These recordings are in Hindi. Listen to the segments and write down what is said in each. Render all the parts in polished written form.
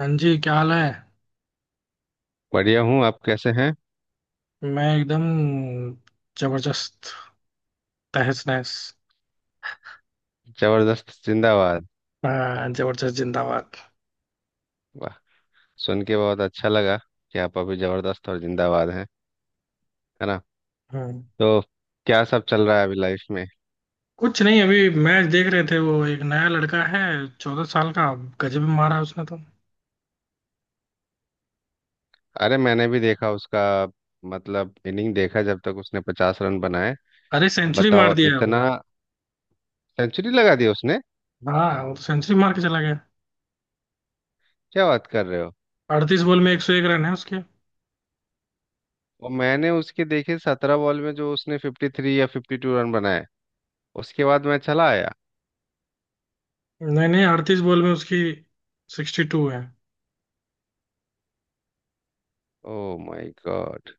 हाँ जी, क्या हाल है। बढ़िया हूँ। आप कैसे हैं? मैं एकदम जबरदस्त, तहस नहस। जबरदस्त जिंदाबाद। हाँ, जबरदस्त जिंदाबाद। वाह। सुन के बहुत अच्छा लगा कि आप अभी जबरदस्त और जिंदाबाद हैं, है ना? हम्म। तो क्या सब चल रहा है अभी लाइफ में? कुछ नहीं, अभी मैच देख रहे थे। वो एक नया लड़का है, 14 साल का। गजब मारा उसने तो। अरे मैंने भी देखा उसका, मतलब इनिंग देखा जब तक उसने 50 रन बनाए। अरे सेंचुरी मार बताओ दिया है वो। इतना। सेंचुरी लगा दिया उसने? हाँ, वो सेंचुरी मार के चला गया। क्या बात कर रहे हो? 38 बॉल में 101 रन है उसके। और मैंने उसके देखे 17 बॉल में जो उसने 53 या 52 रन बनाए, उसके बाद मैं चला आया। नहीं नहीं, 38 बॉल में उसकी 62 है। Oh my God.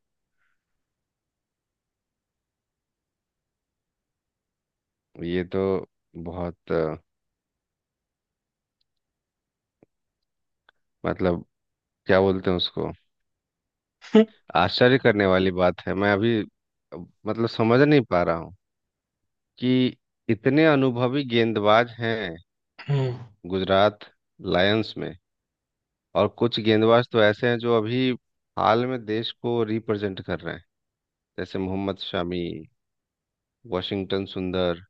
ये तो बहुत मतलब क्या बोलते हैं उसको? आश्चर्य करने वाली बात है। मैं अभी अब, मतलब समझ नहीं पा रहा हूँ कि इतने अनुभवी गेंदबाज हैं। हम्म। गुजरात लायंस में। और कुछ गेंदबाज तो ऐसे हैं जो अभी हाल में देश को रिप्रेजेंट कर रहे हैं, जैसे मोहम्मद शमी, वाशिंगटन सुंदर।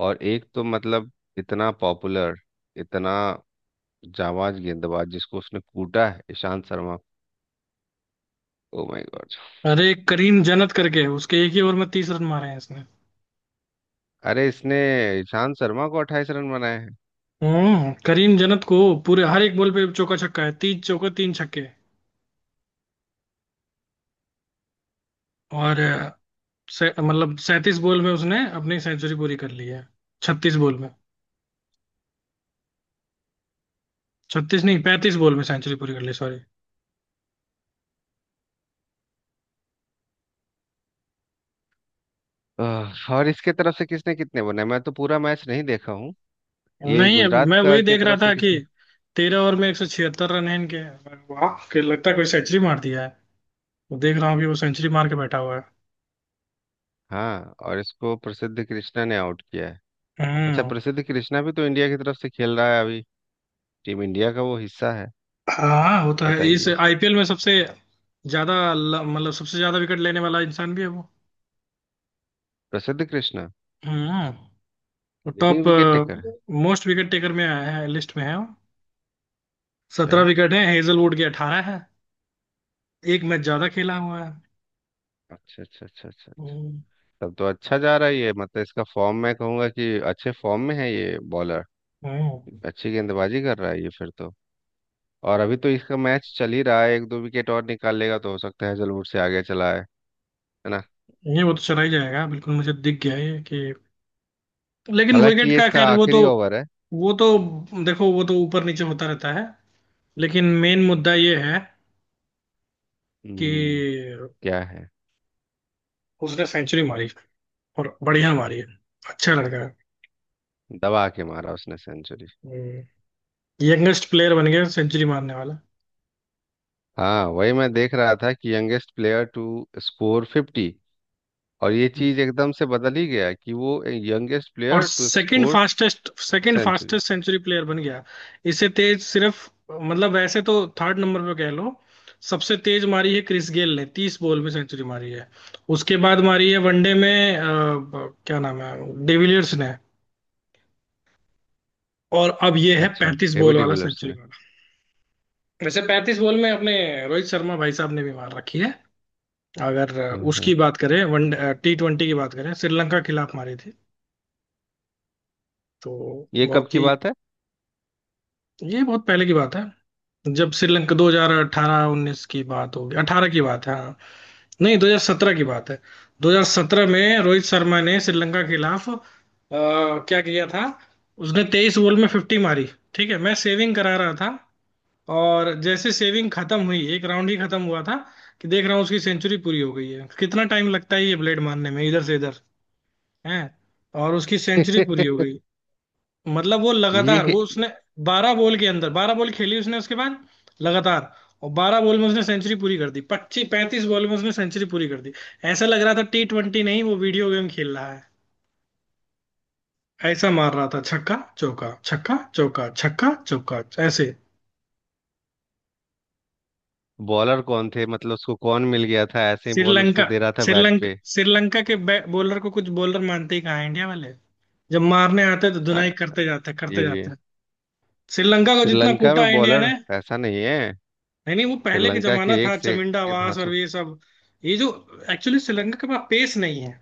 और एक तो मतलब इतना पॉपुलर, इतना जाबाज गेंदबाज, जिसको उसने कूटा है, Ishant Sharma. Oh my God. अरे, एक करीम जन्नत करके है, उसके एक ही ओवर में 30 रन मारे हैं। अरे इसने ईशांत शर्मा को 28 रन बनाए हैं। हम्म, करीम जन्नत को पूरे हर एक बॉल पे चौका छक्का है, तीन चौका तीन छक्के। और मतलब 37 बॉल में उसने अपनी सेंचुरी पूरी कर ली है। 36 बॉल में। छत्तीस नहीं, 35 बॉल में सेंचुरी पूरी कर ली, सॉरी। आह, और इसके तरफ से किसने कितने बनाए? मैं तो पूरा मैच नहीं देखा हूँ। ये नहीं, अब गुजरात मैं का वही के देख रहा तरफ से था कि किसने? 13 ओवर में 176 रन है इनके। वाह, कि लगता है कोई सेंचुरी मार दिया है, तो देख रहा हूँ कि वो सेंचुरी मार के बैठा हुआ है। हाँ और इसको प्रसिद्ध कृष्णा ने आउट किया है। अच्छा, हम्म। प्रसिद्ध कृष्णा भी तो इंडिया की तरफ से खेल रहा है अभी। टीम इंडिया का वो हिस्सा है। हाँ, होता है। इस बताइए। आईपीएल में सबसे ज्यादा मतलब सबसे ज्यादा विकेट लेने वाला इंसान भी है वो। प्रसिद्ध कृष्णा हम्म। लीडिंग टॉप विकेट टेकर है। मोस्ट विकेट टेकर में आया है, लिस्ट में है। 17 विकेट है, हेजलवुड के 18 है। एक मैच ज्यादा खेला हुआ है। अच्छा अच्छा अच्छा अच्छा अच्छा। हम्म, तब तो अच्छा जा रहा है ये, मतलब इसका फॉर्म मैं कहूंगा कि अच्छे फॉर्म में है ये बॉलर। हम्म। अच्छी गेंदबाजी कर रहा है ये फिर तो। और अभी तो इसका मैच चल ही रहा है, एक दो विकेट और निकाल लेगा तो हो सकता है हैजलवुड से आगे चला है। ये वो तो चला ही जाएगा, बिल्कुल मुझे दिख गया ये, कि लेकिन हालांकि विकेट ये का, इसका खैर वो तो। आखिरी ओवर है। वो तो देखो, वो तो ऊपर नीचे होता रहता है। लेकिन मेन मुद्दा ये है हम्म। कि क्या है? उसने सेंचुरी मारी, और बढ़िया मारी है। अच्छा लड़का दबा के मारा उसने सेंचुरी। है। यंगेस्ट प्लेयर बन गया सेंचुरी मारने वाला, हाँ वही मैं देख रहा था कि youngest player to score fifty. और ये चीज एकदम से बदल ही गया कि वो यंगेस्ट और player to second score fastest, second century. Fastest century player बन गया। इससे तेज सिर्फ, मतलब वैसे तो थर्ड नंबर पे कह लो। सबसे तेज मारी है क्रिस गेल ने, 30 बॉल में सेंचुरी मारी है। उसके बाद मारी है वनडे में, क्या नाम है, डिविलियर्स ने। और अब ये है अच्छा। पैंतीस एबी बॉल वाला डिविलियर्स सेंचुरी ने। वाला। वैसे 35 बॉल में अपने रोहित शर्मा भाई साहब ने भी मार रखी है। अगर हाँ, हाँ। उसकी बात करें, वन टी ट्वेंटी की बात करें, श्रीलंका के खिलाफ मारी थी तो। ये कब बहुत की ही, बात है? ये बहुत पहले की बात है। जब श्रीलंका 2018-19 की बात होगी, 18 की बात है, हाँ। नहीं, 2017 की बात है। 2017 में रोहित शर्मा ने श्रीलंका के खिलाफ क्या किया था, उसने 23 बॉल में 50 मारी। ठीक है, मैं सेविंग करा रहा था, और जैसे सेविंग खत्म हुई, एक राउंड ही खत्म हुआ था, कि देख रहा हूँ उसकी सेंचुरी पूरी हो गई है। कितना टाइम लगता है ये ब्लेड मारने में, इधर से इधर है, और उसकी सेंचुरी पूरी हो गई। मतलब वो लगातार, वो ये उसने 12 बॉल के अंदर 12 बॉल खेली उसने, उसके बाद लगातार, और 12 बॉल में उसने सेंचुरी पूरी कर दी। 25 35 बॉल में उसने सेंचुरी पूरी कर दी। ऐसा लग रहा था टी ट्वेंटी नहीं, वो वीडियो गेम खेल रहा है। ऐसा मार रहा था, छक्का चौका छक्का चौका छक्का चौका, ऐसे। बॉलर कौन थे? मतलब उसको कौन मिल गया था ऐसे ही बॉल श्रीलंका, उसको दे रहा था बैट श्रीलंका पे? श्रीलंका के बॉलर को, कुछ बॉलर मानते ही कहाँ हैं इंडिया वाले। जब मारने आते हैं तो हाँ, धुनाई ये करते भी जाते है। हैं। श्रीलंका को जितना श्रीलंका में कूटा है इंडिया बॉलर ने। ऐसा नहीं है। नहीं नहीं, वो पहले का श्रीलंका जमाना के एक था, से एक चमिंडावास और धांसू। ये सब। ये जो एक्चुअली श्रीलंका के पास पेस नहीं है।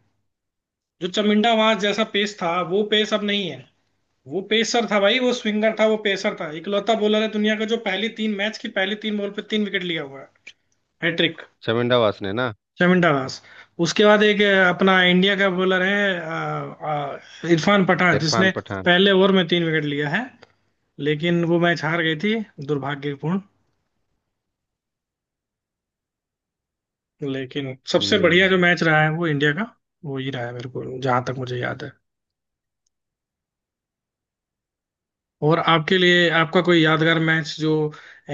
जो चमिंडावास जैसा पेस था, वो पेस अब नहीं है। वो पेसर था भाई, वो स्विंगर था, वो पेसर था। इकलौता बॉलर है दुनिया का जो पहली तीन मैच की पहली तीन बॉल पे तीन विकेट लिया हुआ है। हैट्रिक। शर्मिंदा वासने ना। चमिंडावास। उसके बाद एक अपना इंडिया का बॉलर है, इरफान पठान, इरफान जिसने पठान। पहले ओवर में तीन विकेट लिया है, लेकिन वो मैच हार गई थी, दुर्भाग्यपूर्ण। लेकिन सबसे बढ़िया जो हम्म। मैच रहा है वो इंडिया का, वो ही रहा है मेरे को, जहां तक मुझे याद है। और आपके लिए आपका कोई यादगार मैच जो,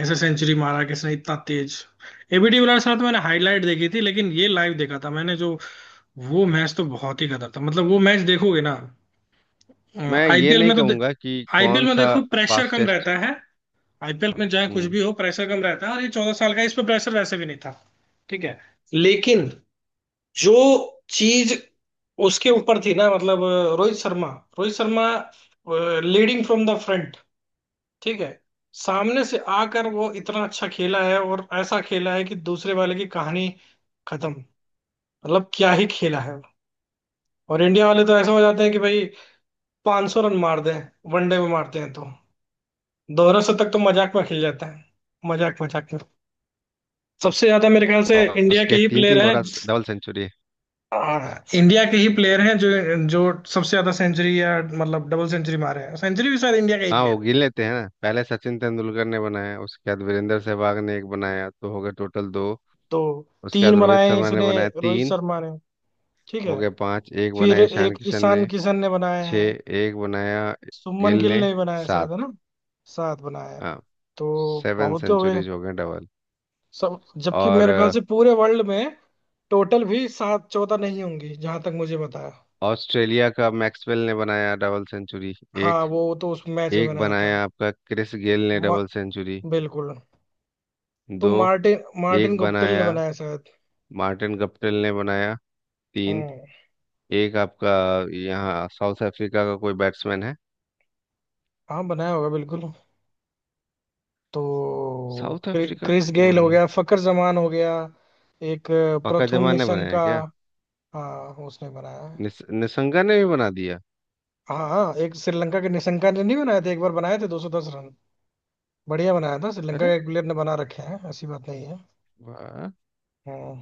ऐसे सेंचुरी मारा किसने इतना तेज। एबी डिविलियर्स साथ मैंने हाईलाइट देखी थी, लेकिन ये लाइव देखा था मैंने, जो वो मैच तो बहुत ही गदर था। मतलब वो मैच देखोगे ना, मैं ये आईपीएल नहीं में तो, कहूंगा कि आईपीएल कौन में सा देखो प्रेशर कम फास्टेस्ट। रहता है। आईपीएल में चाहे कुछ हम्म। भी हो, प्रेशर कम रहता है, और ये 14 साल का है, इस पर प्रेशर वैसे भी नहीं था। ठीक है। लेकिन जो चीज उसके ऊपर थी ना, मतलब Rohit Sharma, Rohit Sharma leading from the front. ठीक है, सामने से आकर वो इतना अच्छा खेला है, और ऐसा खेला है कि दूसरे वाले की कहानी खत्म। मतलब क्या ही खेला है। और इंडिया वाले तो ऐसा हो जाते हैं कि भाई 500 रन मार दें। वनडे में मारते हैं तो दोनों से तक तो मजाक में खेल जाता है, मजाक मजाक में। सबसे ज्यादा मेरे ख्याल से और इंडिया के उसके ही तीन प्लेयर तीन हैं। दोहरा डबल सेंचुरी है। हाँ, इंडिया के ही प्लेयर हैं जो जो सबसे ज्यादा सेंचुरी, या मतलब डबल सेंचुरी मारे हैं। सेंचुरी भी शायद इंडिया का ही हाँ प्लेयर वो है। गिन लेते हैं ना। पहले सचिन तेंदुलकर ने बनाया, उसके बाद वीरेंद्र सहवाग ने एक बनाया, तो हो गए टोटल दो। तो उसके बाद तीन रोहित बनाए हैं शर्मा ने इसने, बनाया, रोहित तीन। शर्मा ने। ठीक हो है गए पांच। एक फिर। बनाया ईशान एक किशन ईशान ने। किशन ने बनाए हैं। छह। एक बनाया सुमन गिल गिल ने। ने भी बनाया शायद, सात। है ना। 7 बनाए हैं। हाँ। तो सेवन बहुत हो गए सेंचुरीज हो गए डबल। सब। जबकि और मेरे ख्याल से पूरे वर्ल्ड में टोटल भी 7 14 नहीं होंगी, जहां तक मुझे बताया। ऑस्ट्रेलिया का मैक्सवेल ने बनाया डबल सेंचुरी। हाँ, एक। वो तो उस मैच में एक बनाया था। बनाया आपका क्रिस गेल ने मा, डबल सेंचुरी। बिल्कुल। तो दो। मार्टिन, मार्टिन एक गुप्टिल ने बनाया बनाया शायद। मार्टिन गप्टिल ने बनाया। तीन। हम्म। एक आपका यहाँ साउथ अफ्रीका का कोई बैट्समैन है। हाँ, बनाया होगा बिल्कुल। तो साउथ अफ्रीका का क्रिस गेल कौन? हो गया, फकर जमान हो गया एक, पका प्रथुम जमा ने बनाया निशंका। क्या? हाँ, उसने बनाया है। निसंगा ने भी बना दिया। हाँ हाँ, एक श्रीलंका के निशंका ने नहीं बनाए थे, एक बार बनाए थे 210 रन। बढ़िया बनाया था। श्रीलंका अरे के एक प्लेयर ने बना रखे हैं, ऐसी बात नहीं है। वाह। हम्म।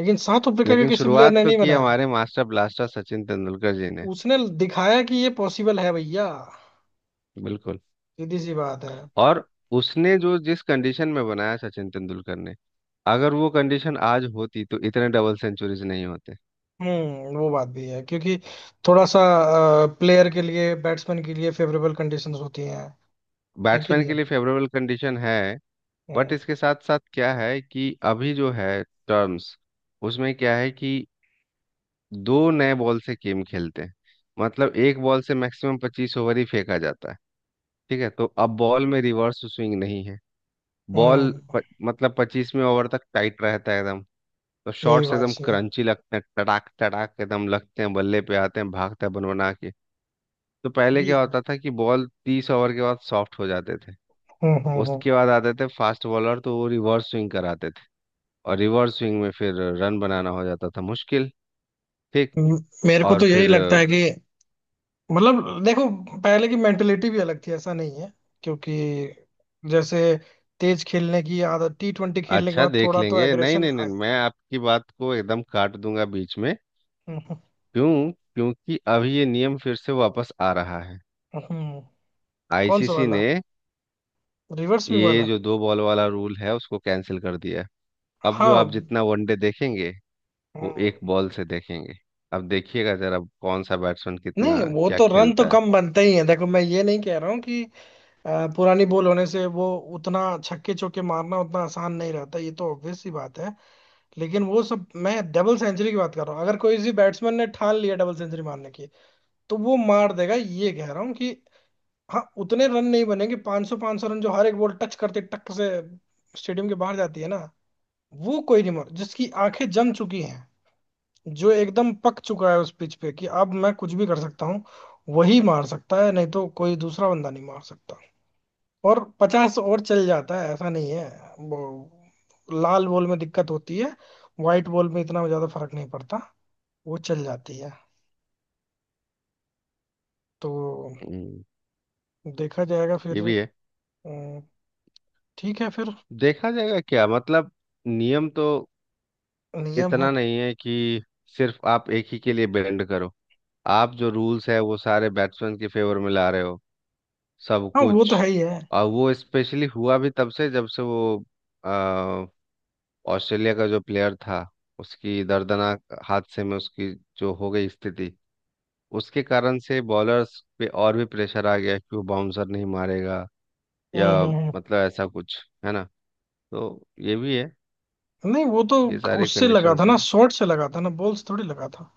लेकिन साउथ अफ्रीका के लेकिन किसी प्लेयर शुरुआत ने तो नहीं की बनाया। हमारे मास्टर ब्लास्टर सचिन तेंदुलकर जी ने। उसने दिखाया कि ये पॉसिबल है भैया, बिल्कुल। सीधी सी बात है। और उसने जो जिस कंडीशन में बनाया सचिन तेंदुलकर ने, अगर वो कंडीशन आज होती तो इतने डबल सेंचुरीज नहीं होते। हम्म, वो बात भी है। क्योंकि थोड़ा सा प्लेयर के लिए, बैट्समैन के लिए फेवरेबल कंडीशंस होती हैं, है कि बैट्समैन नहीं। के लिए फेवरेबल कंडीशन है। बट हम्म, इसके साथ साथ क्या है कि अभी जो है टर्म्स, उसमें क्या है कि दो नए बॉल से गेम खेलते हैं। मतलब एक बॉल से मैक्सिमम 25 ओवर ही फेंका जाता है। ठीक है, तो अब बॉल में रिवर्स स्विंग नहीं है। बॉल हम्म, मतलब 25वें ओवर तक टाइट रहता है एकदम। तो ये भी शॉट्स बात एकदम सही है। क्रंची लगते हैं, टड़ाक टड़ाक एकदम लगते हैं, बल्ले पे आते हैं, भागता है बन बना के। तो पहले ये- क्या होता था कि बॉल 30 ओवर के बाद सॉफ्ट हो जाते थे। हम्म। उसके बाद आते थे फास्ट बॉलर, तो वो रिवर्स स्विंग कराते थे। और रिवर्स स्विंग में फिर रन बनाना हो जाता था मुश्किल। ठीक। हम्म म- मेरे को और तो फिर यही लगता है कि, मतलब देखो, पहले की मेंटेलिटी भी अलग थी, ऐसा नहीं है क्योंकि, जैसे तेज खेलने की आदत टी ट्वेंटी खेलने के अच्छा बाद देख थोड़ा तो लेंगे। नहीं एग्रेशन नहीं नहीं, आई। मैं आपकी बात को एकदम काट दूंगा बीच में। हम्म, क्यों? क्योंकि अभी ये नियम फिर से वापस आ रहा है। हम्म, हम्म। कौन सा आईसीसी वाला, ने रिवर्स स्विंग ये वाला। जो दो बॉल वाला रूल है उसको कैंसिल कर दिया है। अब जो आप हाँ। जितना वनडे देखेंगे, वो हम्म। एक बॉल से देखेंगे। अब देखिएगा जरा कौन सा बैट्समैन कितना नहीं, वो क्या तो रन तो खेलता है। कम बनते ही है, देखो मैं ये नहीं कह रहा हूँ कि अ, पुरानी बॉल होने से वो उतना छक्के चौके मारना उतना आसान नहीं रहता, ये तो ऑब्वियस सी बात है। लेकिन वो सब, मैं डबल सेंचुरी की बात कर रहा हूँ। अगर कोई इसी बैट्समैन ने ठान लिया डबल सेंचुरी मारने की, तो वो मार देगा, ये कह रहा हूँ कि हाँ उतने रन नहीं बनेंगे। 500 500 रन जो हर एक बॉल टच करते टक से स्टेडियम के बाहर जाती है ना, वो कोई नहीं मार। जिसकी आंखें जम चुकी हैं, जो एकदम पक चुका है उस पिच पे, कि अब मैं कुछ भी कर सकता हूँ, वही मार सकता है। नहीं तो कोई दूसरा बंदा नहीं मार सकता, और 50 और चल जाता है ऐसा नहीं है। वो लाल बॉल में दिक्कत होती है, व्हाइट बॉल में इतना ज्यादा फर्क नहीं पड़ता, वो चल जाती है। तो हम्म, देखा जाएगा फिर। ये भी है। अम, ठीक है फिर, देखा जाएगा क्या मतलब? नियम तो नियम है। इतना नहीं है कि सिर्फ आप एक ही के लिए बेंड करो। आप जो रूल्स है वो सारे बैट्समैन के फेवर में ला रहे हो सब हाँ, वो तो कुछ। है ही है। और वो स्पेशली हुआ भी तब से जब से वो अ, ऑस्ट्रेलिया का जो प्लेयर था, उसकी दर्दनाक हादसे में उसकी जो हो गई स्थिति, उसके कारण से बॉलर्स पे और भी प्रेशर आ गया कि वो बाउंसर नहीं मारेगा हम्म, या मतलब ऐसा कुछ, है ना? तो ये भी है, नहीं, वो तो ये सारे उससे लगा कंडीशंस था ना, हैं। शॉट से लगा था ना, बॉल से थोड़ी लगा था।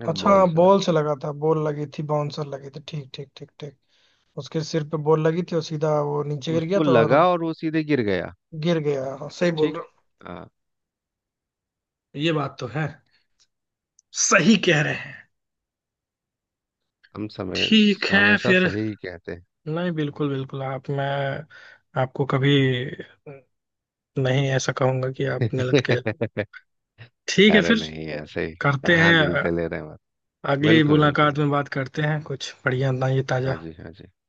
अरे अच्छा बॉल हाँ, से लगा, बॉल से लगा था, बॉल लगी थी, बाउंसर लगी थी, ठीक ठीक ठीक ठीक। उसके सिर पे बॉल लगी थी और सीधा वो नीचे तो गिर गया उसको था, और लगा और वो सीधे गिर गया। गिर गया, हाँ, सही बोल ठीक। रहे हाँ। हो। ये बात तो है, सही कह रहे हैं। हम समय ठीक है हमेशा फिर। सही कहते नहीं बिल्कुल बिल्कुल, आप, मैं आपको कभी नहीं ऐसा कहूंगा कि आप हैं। गलत कह रहे हो। ठीक है अरे फिर, नहीं ऐसे ही। करते हैं कहाँ दिल पे ले रहे हैं बात। अगली बिल्कुल बिल्कुल मुलाकात में बिल्कुल। बात करते हैं कुछ बढ़िया, ना ये हाँ ताजा जी हाँ जी।